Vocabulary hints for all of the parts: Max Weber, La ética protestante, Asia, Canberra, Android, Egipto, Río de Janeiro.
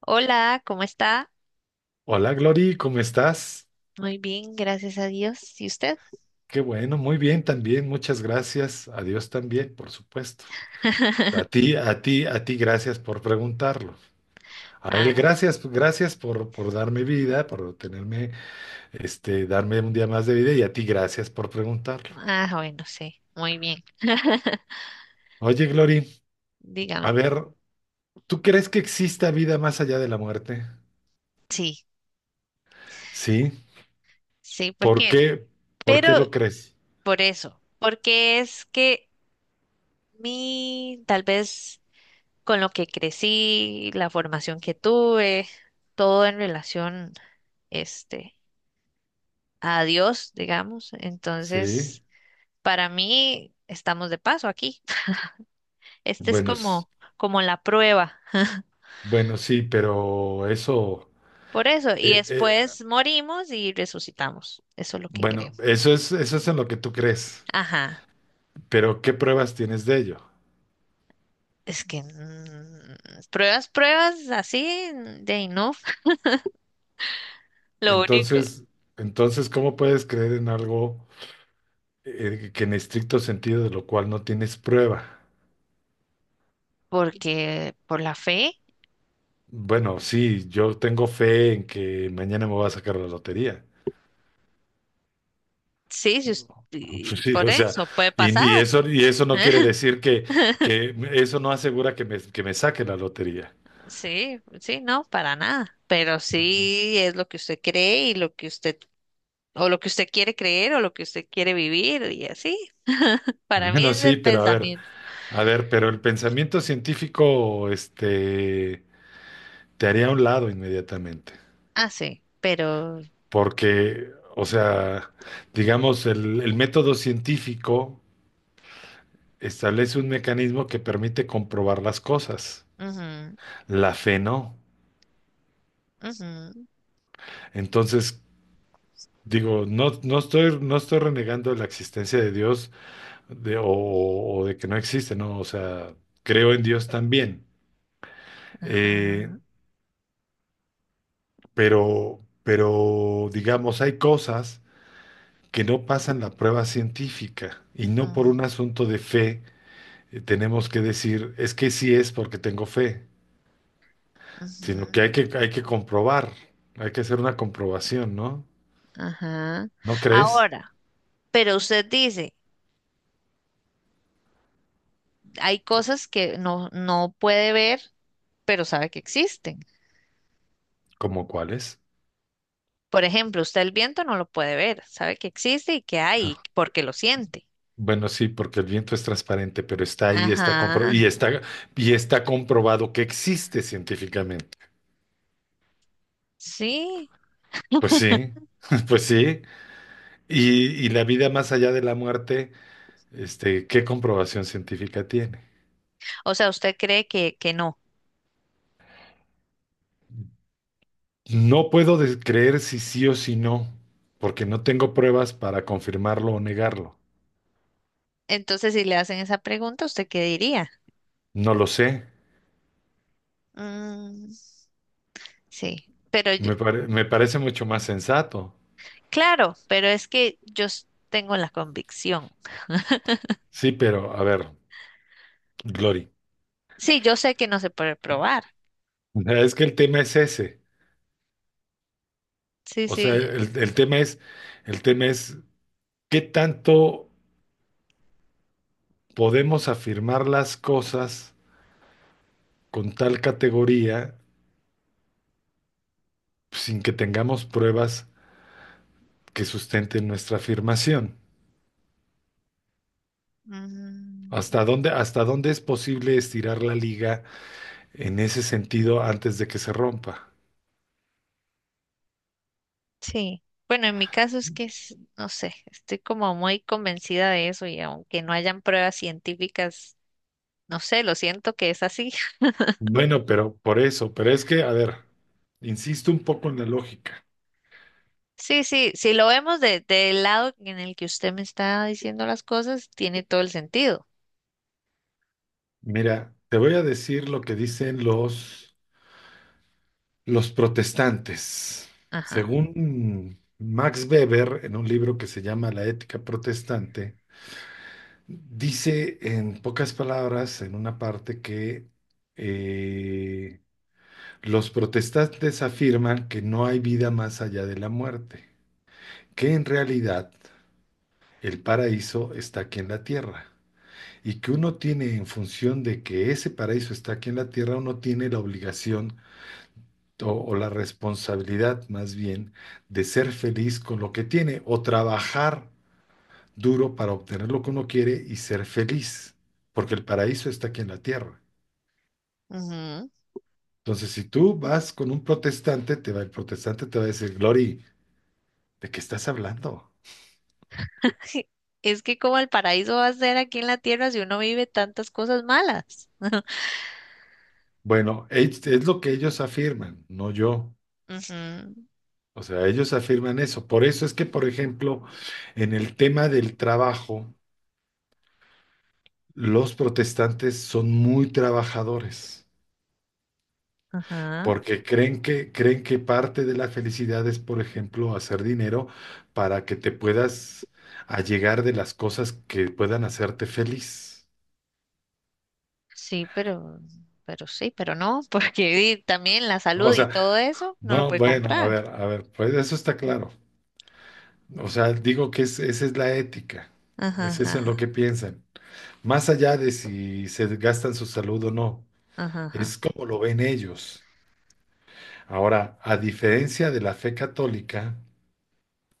Hola, ¿cómo está? Hola Glory, ¿cómo estás? Muy bien, gracias a Dios. ¿Y usted? Qué bueno, muy bien también, muchas gracias. A Dios también, por supuesto. A ti, a ti, a ti, gracias por preguntarlo. A él, Ah, gracias, gracias por darme vida, por tenerme, darme un día más de vida y a ti, gracias por preguntarlo. ah, bueno, sí, muy bien. Oye Glory, a Dígame. ver, ¿tú crees que exista vida más allá de la muerte? Sí, Sí. sí, ¿por ¿Por qué? qué? ¿Por Pero qué lo crees? por eso, porque es que tal vez con lo que crecí, la formación que tuve, todo en relación, este, a Dios, digamos. Sí. Entonces, para mí, estamos de paso aquí. Este es Bueno, s- como, como la prueba. bueno, sí, pero eso... Por eso, y eh, eh, después morimos y resucitamos. Eso es lo que creo. Bueno, eso es en lo que tú crees, Ajá. pero ¿qué pruebas tienes de ello? Es que pruebas, pruebas así de ahí no. Lo único, Entonces, entonces, ¿cómo puedes creer en algo que en estricto sentido de lo cual no tienes prueba? porque por la fe, Bueno, sí, yo tengo fe en que mañana me voy a sacar la lotería. sí, si us- Pues y sí, por o sea, eso puede y, pasar. y eso, y eso no quiere decir que eso no asegura que me saque la lotería. Sí, sí, no, para nada. Pero sí es lo que usted cree y lo que o lo que usted quiere creer o lo que usted quiere vivir y así. Para mí Bueno, es sí, el pero pensamiento. a ver, pero el pensamiento científico, te haría a un lado inmediatamente. Ah, sí, pero... Porque, o sea, digamos, el método científico establece un mecanismo que permite comprobar las cosas. Ujú, La fe no. ujú, Entonces, digo, no, no estoy renegando de la existencia de Dios o de que no existe, ¿no? O sea, creo en Dios también. Eh, ajá. pero, digamos, hay cosas que no pasan la prueba científica y no Ujú, por un asunto de fe, tenemos que decir, es que sí es porque tengo fe, sino que ujú, hay que comprobar, hay que hacer una comprobación, ¿no? ajá. ¿No crees? Ahora, pero usted dice, hay cosas que no puede ver, pero sabe que existen. ¿Cómo cuáles? Por ejemplo, usted el viento no lo puede ver, sabe que existe y que hay, porque lo siente. Bueno, sí, porque el viento es transparente, pero está ahí, está compro Ajá, y está comprobado que existe científicamente. sí. Pues sí, pues sí. Y la vida más allá de la muerte, ¿qué comprobación científica tiene? O sea, usted cree que no. No puedo creer si sí o si no, porque no tengo pruebas para confirmarlo o negarlo. Entonces, si le hacen esa pregunta, ¿usted qué diría? No lo sé. Mm, sí, Me parece mucho más sensato. claro, pero es que tengo la convicción. Sí, pero a ver, Glory. Sí, yo sé que no se puede probar. O sea, es que el tema es ese. Sí, O sea, sí, el tema es qué tanto podemos afirmar las cosas con tal categoría sin que tengamos pruebas que sustenten nuestra afirmación. mm, Hasta dónde es posible estirar la liga en ese sentido antes de que se rompa? sí, bueno, en mi caso no sé, estoy como muy convencida de eso y aunque no hayan pruebas científicas, no sé, lo siento que es así. Bueno, pero por eso, pero es que, a ver, insisto un poco en la lógica. Sí, sí, si lo vemos del lado en el que usted me está diciendo las cosas, tiene todo el sentido. Mira, te voy a decir lo que dicen los protestantes. Ajá. Según Max Weber, en un libro que se llama La ética protestante, dice en pocas palabras, en una parte, que eh, los protestantes afirman que no hay vida más allá de la muerte, que en realidad el paraíso está aquí en la tierra. Y que uno tiene en función de que ese paraíso está aquí en la tierra, uno tiene la obligación o la responsabilidad más bien de ser feliz con lo que tiene o trabajar duro para obtener lo que uno quiere y ser feliz, porque el paraíso está aquí en la tierra. Ujú. Entonces, si tú vas con un protestante, te va, el protestante te va a decir, Glory, ¿de qué estás hablando? Es que como el paraíso va a ser aquí en la tierra si uno vive tantas cosas malas. Bueno, es lo que ellos afirman, no yo. Ujú, O sea, ellos afirman eso. Por eso es que, por ejemplo, en el tema del trabajo, los protestantes son muy trabajadores, ajá. porque creen que parte de la felicidad es, por ejemplo, hacer dinero para que te puedas allegar de las cosas que puedan hacerte feliz. Sí, pero sí, pero no, porque también la O salud y sea, todo eso no lo no, puede bueno, comprar. A ver, pues eso está claro. O sea, digo que esa es la ética. Ajá, Ese es eso en lo ajá, que piensan. Más allá de si se gastan su salud o no. ajá, ajá, Es como lo ven ellos. Ahora, a diferencia de la fe católica,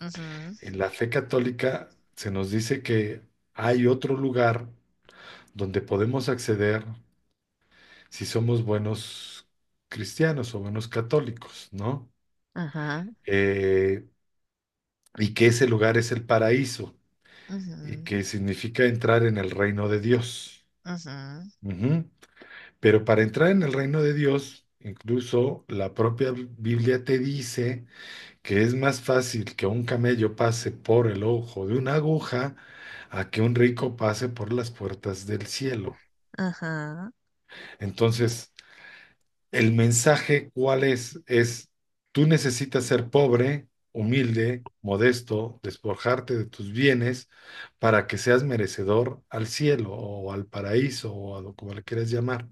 ujú, en la fe católica se nos dice que hay otro lugar donde podemos acceder si somos buenos cristianos o buenos católicos, ¿no? ajá, Eh, y que ese lugar es el paraíso y ujú, que significa entrar en el reino de Dios. ajá, Ujú. Pero para entrar en el reino de Dios, incluso la propia Biblia te dice que es más fácil que un camello pase por el ojo de una aguja a que un rico pase por las puertas del cielo. ajá, Entonces, el mensaje, ¿cuál es? Es, tú necesitas ser pobre, humilde, modesto, despojarte de tus bienes para que seas merecedor al cielo o al paraíso o a lo como le quieras llamar,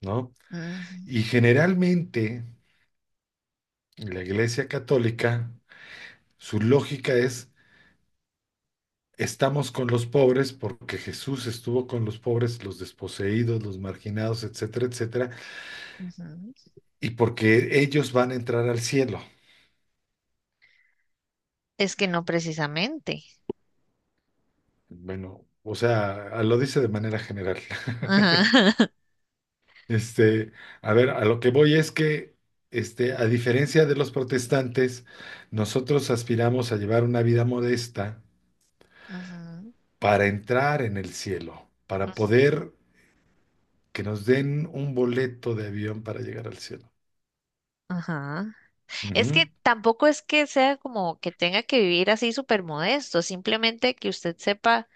¿no? ujú, Y generalmente, en la Iglesia Católica, su lógica es: estamos con los pobres porque Jesús estuvo con los pobres, los desposeídos, los marginados, etcétera, etcétera, ujú. y porque ellos van a entrar al cielo. Es que no precisamente. Bueno, o sea, lo dice de manera general. Ajá, Este, a ver, a lo que voy es que, a diferencia de los protestantes, nosotros aspiramos a llevar una vida modesta ujú, para entrar en el cielo, para poder que nos den un boleto de avión para llegar al cielo. ajá. Es que Ujú. tampoco es que sea como que tenga que vivir así súper modesto, simplemente que usted sepa,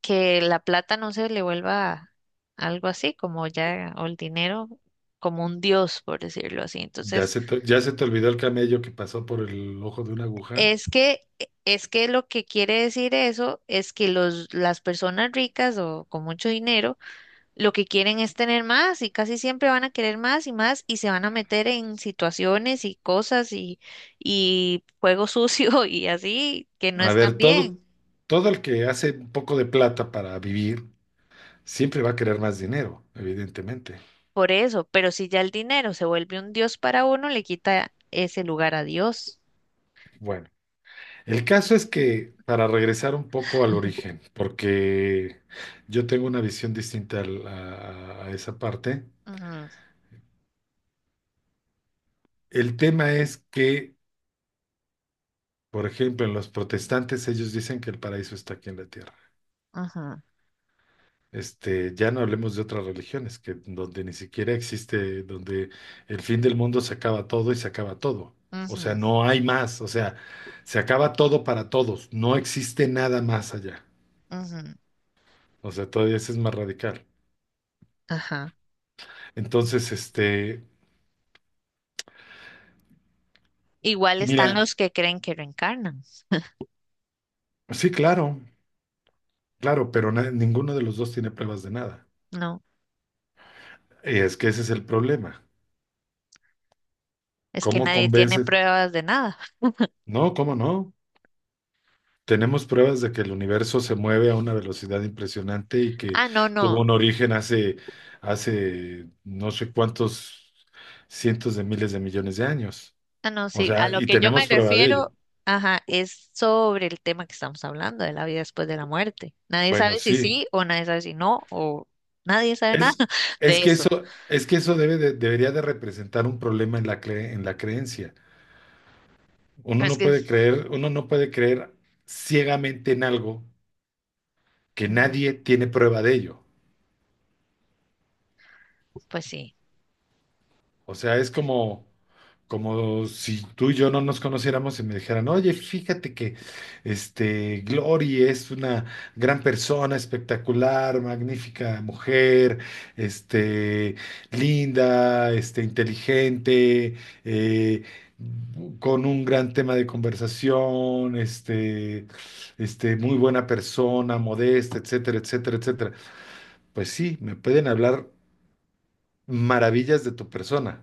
que la plata no se le vuelva algo así, como ya, o el dinero como un dios, por decirlo así. Ya Entonces, se te, ya se te olvidó el camello que pasó por el ojo de una aguja. es que, es que lo que quiere decir eso es que las personas ricas o con mucho dinero, lo que quieren es tener más y casi siempre van a querer más y más y se van a meter en situaciones y cosas y juego sucio y así que no A están ver, bien. todo, todo el que hace un poco de plata para vivir siempre va a querer más dinero, evidentemente. Por eso, pero si ya el dinero se vuelve un dios para uno, le quita ese lugar a Dios. Bueno, el caso es que para regresar un poco al origen, porque yo tengo una visión distinta a esa parte, Ujú, el tema es que, por ejemplo, en los protestantes ellos dicen que el paraíso está aquí en la tierra. ujú, Ya no hablemos de otras religiones, que donde ni siquiera existe, donde el fin del mundo se acaba todo y se acaba todo. O sea, ujú, no hay más, o sea, se acaba todo para todos, no existe nada más allá. ujú, O sea, todavía ese es más radical. ajá. Entonces, Igual están mira, los que creen que reencarnan. sí, claro, claro, pero ninguno de los dos tiene pruebas de nada. No, Y es que ese es el problema. es que ¿Cómo nadie tiene convences? pruebas de nada. No, ¿cómo no? Tenemos pruebas de que el universo se mueve a una velocidad impresionante y que Ah, no, no. tuvo un origen hace no sé cuántos cientos de miles de millones de años. Ah, no, O sí. A sea, lo y que yo me tenemos prueba de refiero, ello. ajá, es sobre el tema que estamos hablando, de la vida después de la muerte. Nadie Bueno, sabe si sí. sí o nadie sabe si no, o nadie sabe nada Es, es de que eso. eso, es que eso debería de representar un problema en la en la creencia. Uno Pero es no que, puede creer, uno no puede creer ciegamente en algo que ujú, nadie tiene prueba de ello. pues sí. O sea, es como, como si tú y yo no nos conociéramos y me dijeran, oye, fíjate que este Glory es una gran persona, espectacular, magnífica mujer, este, linda, inteligente, eh, con un gran tema de conversación, muy buena persona, modesta, etcétera, etcétera, etcétera. Pues sí, me pueden hablar maravillas de tu persona.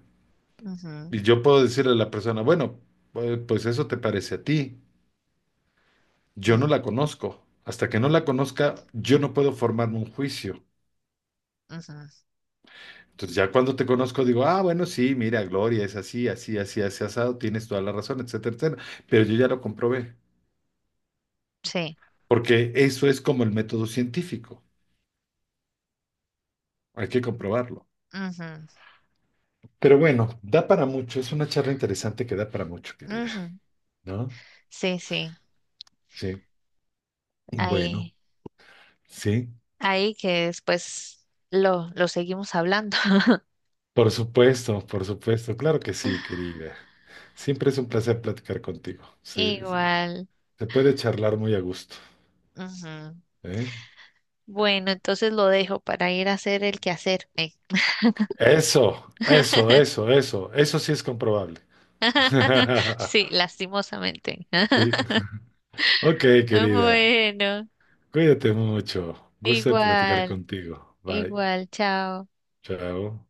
Y Ujú, yo puedo decirle a la persona, bueno, pues pues eso te parece a ti. Yo no la ujú, conozco. Hasta que no la conozca, yo no puedo formarme un juicio. ujú, Entonces ya cuando te conozco digo, ah, bueno, sí, mira, Gloria, es así, así, así, así, asado, tienes toda la razón, etcétera, etcétera. Pero yo ya lo comprobé, sí. porque eso es como el método científico. Hay que comprobarlo. Ujú, Pero bueno, da para mucho. Es una charla interesante que da para mucho, querida, ujú, ¿no? sí, sí. Sí. Bueno, Ahí. sí. Ahí que después lo seguimos hablando. Por supuesto, claro que sí, querida. Siempre es un placer platicar contigo. Se, Igual. se puede charlar muy a gusto, Ujú. ¿eh? Bueno, entonces lo dejo para ir a hacer el quehacer. Ey. Eso sí es comprobable. Sí, lastimosamente. Sí. Ok, querida, Bueno, cuídate mucho. Gusto en platicar igual, contigo. Bye, igual, chao. chao.